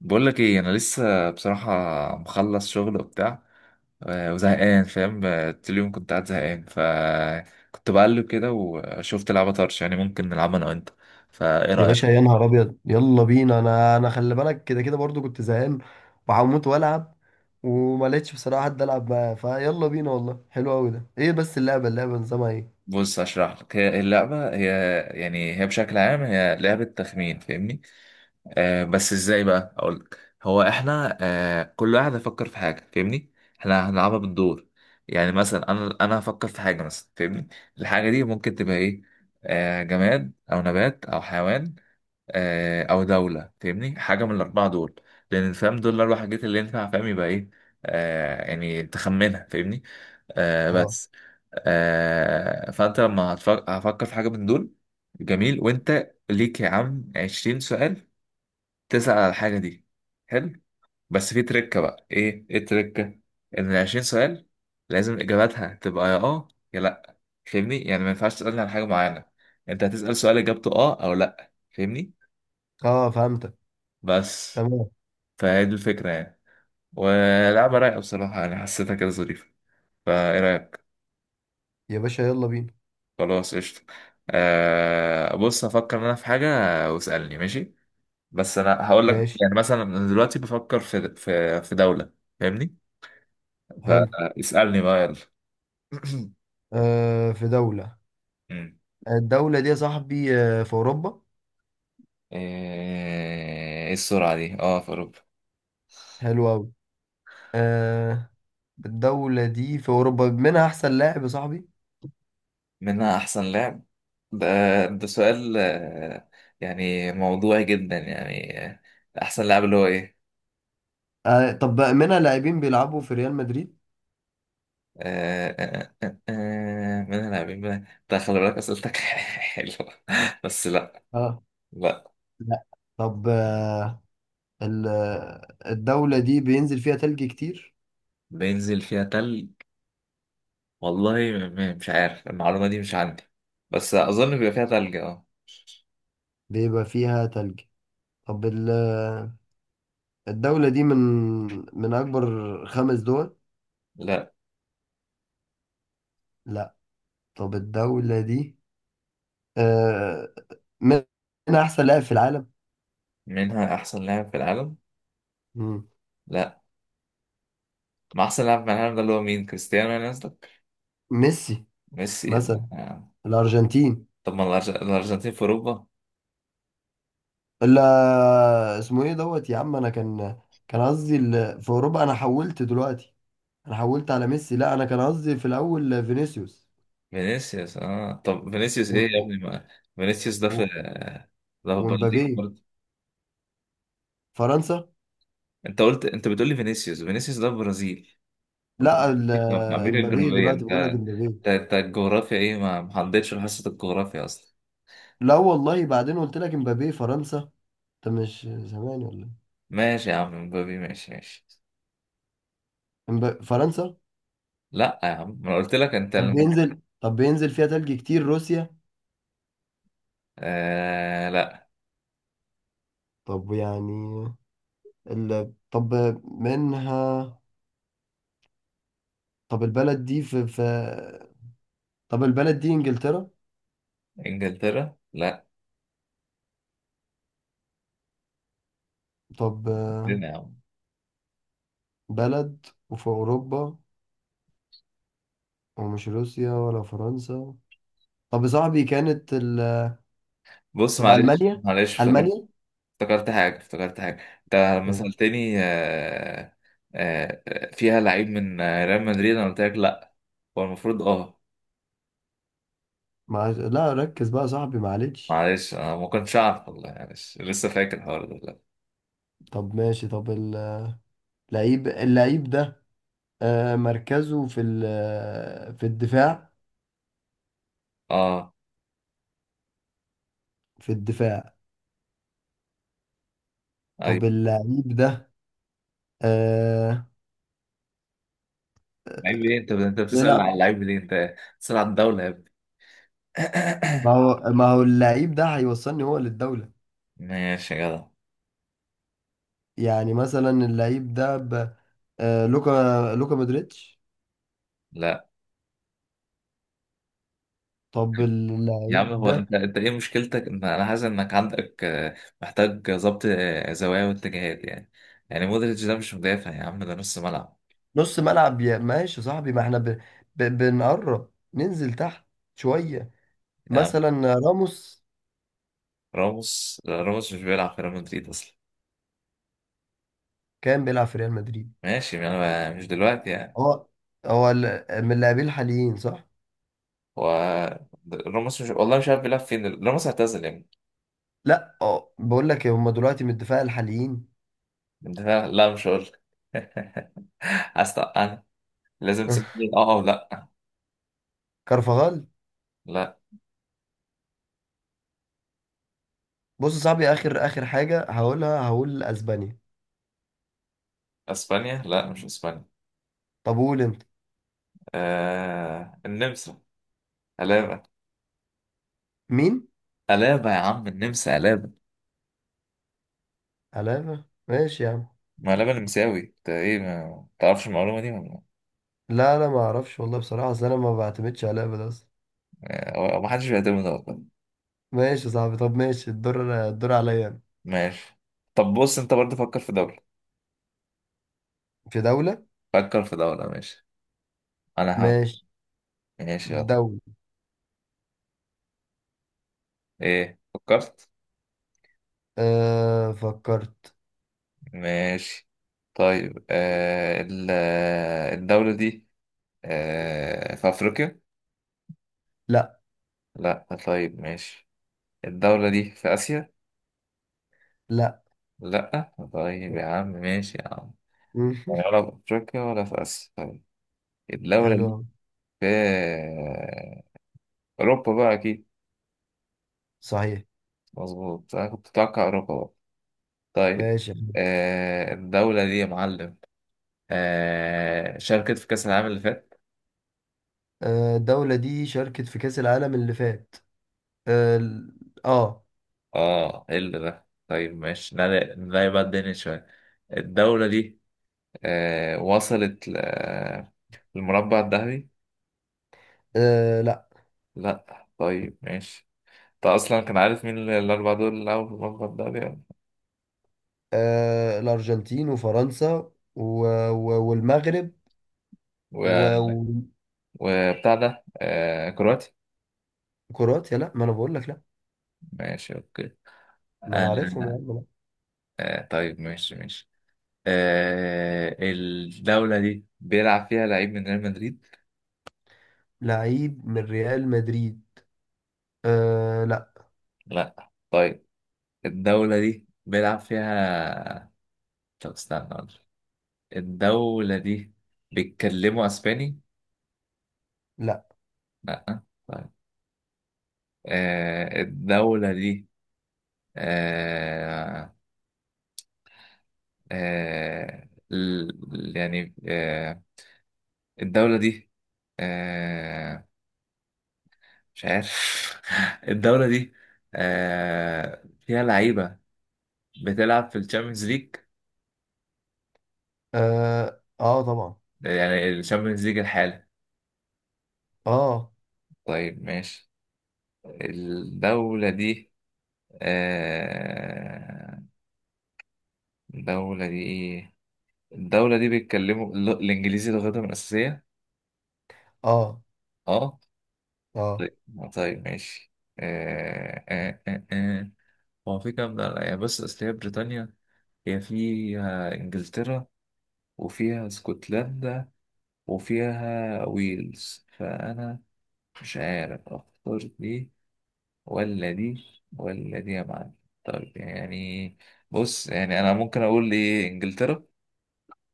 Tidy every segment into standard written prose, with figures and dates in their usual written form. بقول لك ايه؟ انا لسه بصراحه مخلص شغل وبتاع. وزهقان، فاهم؟ طول اليوم كنت قاعد زهقان، فكنت بقلب كده وشفت لعبه طرش، يعني ممكن نلعبها انا وانت، فايه يا رايك؟ باشا، يا نهار ابيض، يلا بينا. انا خلي بالك، كده كده برضو كنت زهقان وهموت والعب. وما لقيتش بصراحه حد العب معاه. فيلا بينا والله، حلو قوي ده. ايه بس اللعبه نظامها ايه؟ بص اشرح لك، هي اللعبه هي يعني هي بشكل عام هي لعبه تخمين، فاهمني؟ آه، بس ازاي بقى اقولك؟ هو احنا كل واحد هيفكر في حاجه، فاهمني؟ احنا هنلعبها بالدور. يعني مثلا انا هفكر في حاجه مثلا، فاهمني؟ الحاجه دي ممكن تبقى ايه؟ آه، جماد او نبات او حيوان آه او دوله، فاهمني؟ حاجه من الاربعه دول، لان فاهم دول الاربع حاجات اللي ينفع، فاهم؟ يبقى ايه؟ آه، يعني تخمنها، فاهمني؟ آه اه بس. آه، فانت لما هفكر في حاجه من دول، جميل. وانت ليك يا عم 20 سؤال تسأل على الحاجة دي. حلو. بس في تركة، بقى ايه ايه التركة؟ ان 20 سؤال لازم اجاباتها تبقى يا اه يا لا، فاهمني؟ يعني ما ينفعش تسألني على حاجة معينة، انت هتسأل سؤال اجابته اه او لا، فاهمني؟ اه، فهمتك. بس. تمام. فهي دي الفكرة يعني، ولعبة رايقة بصراحة، انا حسيتها كده ظريفة، فايه رأيك؟ يا باشا يلا بينا. خلاص قشطة. بص هفكر انا في حاجة واسألني، ماشي؟ بس انا هقول لك، ماشي. يعني مثلا انا دلوقتي بفكر في في دولة، فاهمني؟ حلو. فاسألني بقى يلا. في دوله. مم. الدوله دي يا صاحبي، في اوروبا. ايه السرعة دي؟ اه في اوروبا. حلو قوي. آه الدوله دي في اوروبا منها احسن لاعب يا صاحبي. منها احسن لعب؟ ده ده سؤال يعني موضوعي جدا يعني، احسن لاعب اللي هو ايه؟ طب منها لاعبين بيلعبوا في ريال مدريد. منها لاعبين، منها ده خلي بالك اسئلتك حلوه، بس لا. اه. لا. لا. طب ال- الدولة دي بينزل فيها تلج كتير. بينزل فيها تلج؟ والله مش عارف، المعلومه دي مش عندي، بس اظن بيبقى فيها تلج اه. بيبقى فيها تلج. طب الدولة دي من من أكبر خمس دول. لا. لا. طب الدولة دي، آه، من من أحسن لاعب في العالم. منها احسن لاعب في العالم؟ مم. لا، ما احسن لاعب في العالم ده اللي هو مين؟ كريستيانو يعني قصدك؟ ميسي ميسي مثلا. ده. آه. الأرجنتين. طب ما الارجنتين في اوروبا؟ لا، اسمه إيه دوت يا عم، أنا كان قصدي في أوروبا. أنا حولت دلوقتي، أنا حولت على ميسي. لا، أنا كان قصدي في الأول فينيسيوس فينيسيوس؟ اه، طب فينيسيوس ايه وم- يا و- ابني؟ ما فينيسيوس ده و- في، ده في البرازيل ومبابي. برضه. فرنسا. انت قلت، انت بتقول لي فينيسيوس، فينيسيوس ده في البرازيل، لا البرازيل دي في امريكا امبابي الجنوبيه. دلوقتي انت بقول لك، امبابي. انت أنت الجغرافيا ايه؟ ما حضرتش حصه الجغرافيا اصلا؟ لا والله بعدين قلت لك امبابي فرنسا. انت مش زمان ولا إيه؟ ماشي يا عم، مبابي ماشي ماشي. فرنسا. لا يا عم، ما أنا قلت لك، طب بينزل، فيها تلج كتير، روسيا. آه لا. طب يعني ال... طب منها طب البلد دي في, في طب البلد دي انجلترا. انجلترا لا. طب فين يا عم؟ بلد وفي اوروبا ومش روسيا ولا فرنسا. طب يا صاحبي كانت بص طب معلش المانيا. معلش المانيا افتكرت حاجة، افتكرت حاجة انت لما إيه؟ سألتني فيها لعيب من ريال مدريد، انا قلت لك لا، هو المفروض اه. لا، ركز بقى يا صاحبي، معلش. معلش انا ما كنتش اعرف، والله معلش، لسه فاكر الحوار ده دلوقتي. طب ماشي. طب اللعيب ده مركزه في في الدفاع. اه. في الدفاع. طب ايوه. اللعيب ده آه، لعيب ليه؟ انت بتسأل على بيلعب. اللعيب ليه؟ انت بتسأل على الدولة يا ابني. ما هو ما هو اللعيب ده هيوصلني هو للدولة. ماشي يا جدع. يعني مثلا اللعيب ده ب... آه، لوكا مودريتش. لا طب يا عم، اللعيب هو ده انت ايه مشكلتك؟ ان انا حاسس انك عندك، محتاج ظبط زوايا واتجاهات يعني، يعني مودريتش ده مش مدافع يا عم، ده نص ملعب. نص ملعب يا، ماشي يا صاحبي. ما احنا بنقرب ننزل تحت شوية. مثلا راموس راموس لا، راموس مش بيلعب في ريال مدريد اصلا. كان بيلعب في ريال مدريد. ماشي، ما انا مش دلوقتي يعني. هو هو من اللاعبين الحاليين، صح؟ هو راموس مش، والله مش عارف بيلعب فين، راموس اعتزل يعني. لا، اه، بقول لك إيه، هم دلوقتي من الدفاع الحاليين. انت فاهم؟ لا مش هقول لك. انا لازم تسألني اه او لا. كارفاغال. لا. بص يا صاحبي، اخر اخر حاجه هقولها، هقول اسبانيا. اسبانيا لا، مش اسبانيا. طب قول انت. النمسا. قلابة. مين؟ قلابة يا عم، النمسا قلابة. علابة، ماشي يا عم. ما قلابة نمساوي، انت ايه ما تعرفش المعلومة دي ولا؟ لا لا، ما اعرفش والله بصراحه، اصل انا ما بعتمدش علابة ده اصلا. ما حدش بيعتمد ده والله. ماشي يا صاحبي. طب ماشي. الدور عليا أنا. ماشي. طب بص، انت برضه فكر في دولة. في دوله. فكر في دولة ماشي، انا هحاول. ماشي. ماشي يلا. دوله. ايه فكرت؟ أه، فكرت. ماشي. طيب، الدولة دي في أفريقيا؟ لا. لا طيب، ماشي. الدولة دي في آسيا؟ لا. لا طيب يا عم، ماشي يا عم. يعني ولا في أفريقيا ولا في آسيا، طيب. الدولة حلو دي أوي. في أوروبا بقى أكيد. صحيح. مظبوط، أنا كنت متوقع أوروبا بقى. طيب، ماشي. الدولة دي يا معلم شاركت في كأس العالم اللي فات. الدولة دي شاركت في كأس العالم اللي فات. اه آه، اه، ايه اللي ده؟ طيب ماشي، نعلي بقى الدنيا شوية. الدولة دي وصلت للمربع الذهبي؟ لا. لا طيب ماشي. انت اصلا كان عارف مين الاربعة دول اللي لعبوا في المربع الذهبي. الأرجنتين وفرنسا والمغرب و... و- وبتاع ده آه كرواتي. وكرواتيا. لا ما انا بقول لك لا. ماشي اوكي. ما آه. انا عارفهم يا عم، لا. آه طيب ماشي ماشي. الدولة دي بيلعب فيها لعيب من ريال مدريد؟ لعيب من ريال مدريد. لا. لا طيب. الدولة دي بيلعب فيها، طب استنى، الدولة دي بيتكلموا أسباني؟ لا. لأ طيب. الدولة دي آه آه ال- يعني آه الدولة دي آه مش عارف. الدولة دي فيها لعيبة بتلعب في الشامبيونز ليج؟ اه، آه طبعا. يعني الشامبيونز ليج الحالي. اه طيب ماشي. الدولة دي آه إيه؟ الدولة دي بيتكلموا الإنجليزي لغتهم الأساسية؟ اه أه. اه. طيب. طيب، ماشي. آه آه آه آه. هو في كام دولة؟ يعني بس أصل هي بريطانيا، هي فيها إنجلترا وفيها اسكتلندا وفيها ويلز، فأنا مش عارف أختار دي ولا دي ولا دي يا معلم. طيب يعني، بص يعني أنا ممكن أقول إيه؟ إنجلترا.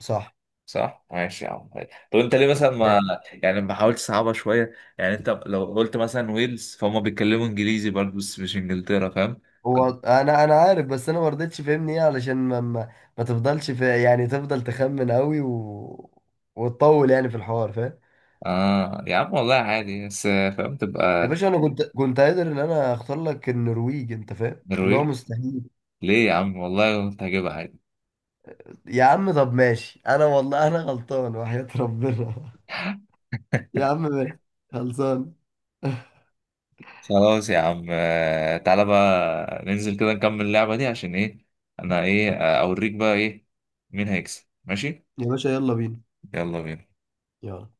صح. صح؟ ماشي يا عم. طب انت ليه مثلا ما، يعني ما حاولتش صعبها شويه؟ يعني انت لو قلت مثلا ويلز، فهم بيتكلموا انجليزي برضه، بس مش انجلترا، فاهم؟ هو كان- انا عارف بس انا ما رضيتش، فهمني ايه، علشان ما تفضلش في، يعني تفضل تخمن قوي وتطول يعني في الحوار، فاهم؟ اه يا عم والله عادي، بس فاهم يا تبقى. باشا، انا كنت قادر ان انا اختار لك النرويج، انت فاهم اللي هو نرويج؟ مستحيل. ليه يا عم والله كنت هجيبها عادي. يا عم طب ماشي. انا والله انا غلطان وحياة ربنا. يا عم ماشي. خلصان. خلاص يا عم، تعالى بقى ننزل كده نكمل اللعبه دي، عشان ايه؟ انا ايه اوريك بقى ايه، مين هيكسب، ماشي؟ يا باشا يلا بينا. يلا بينا. يلا.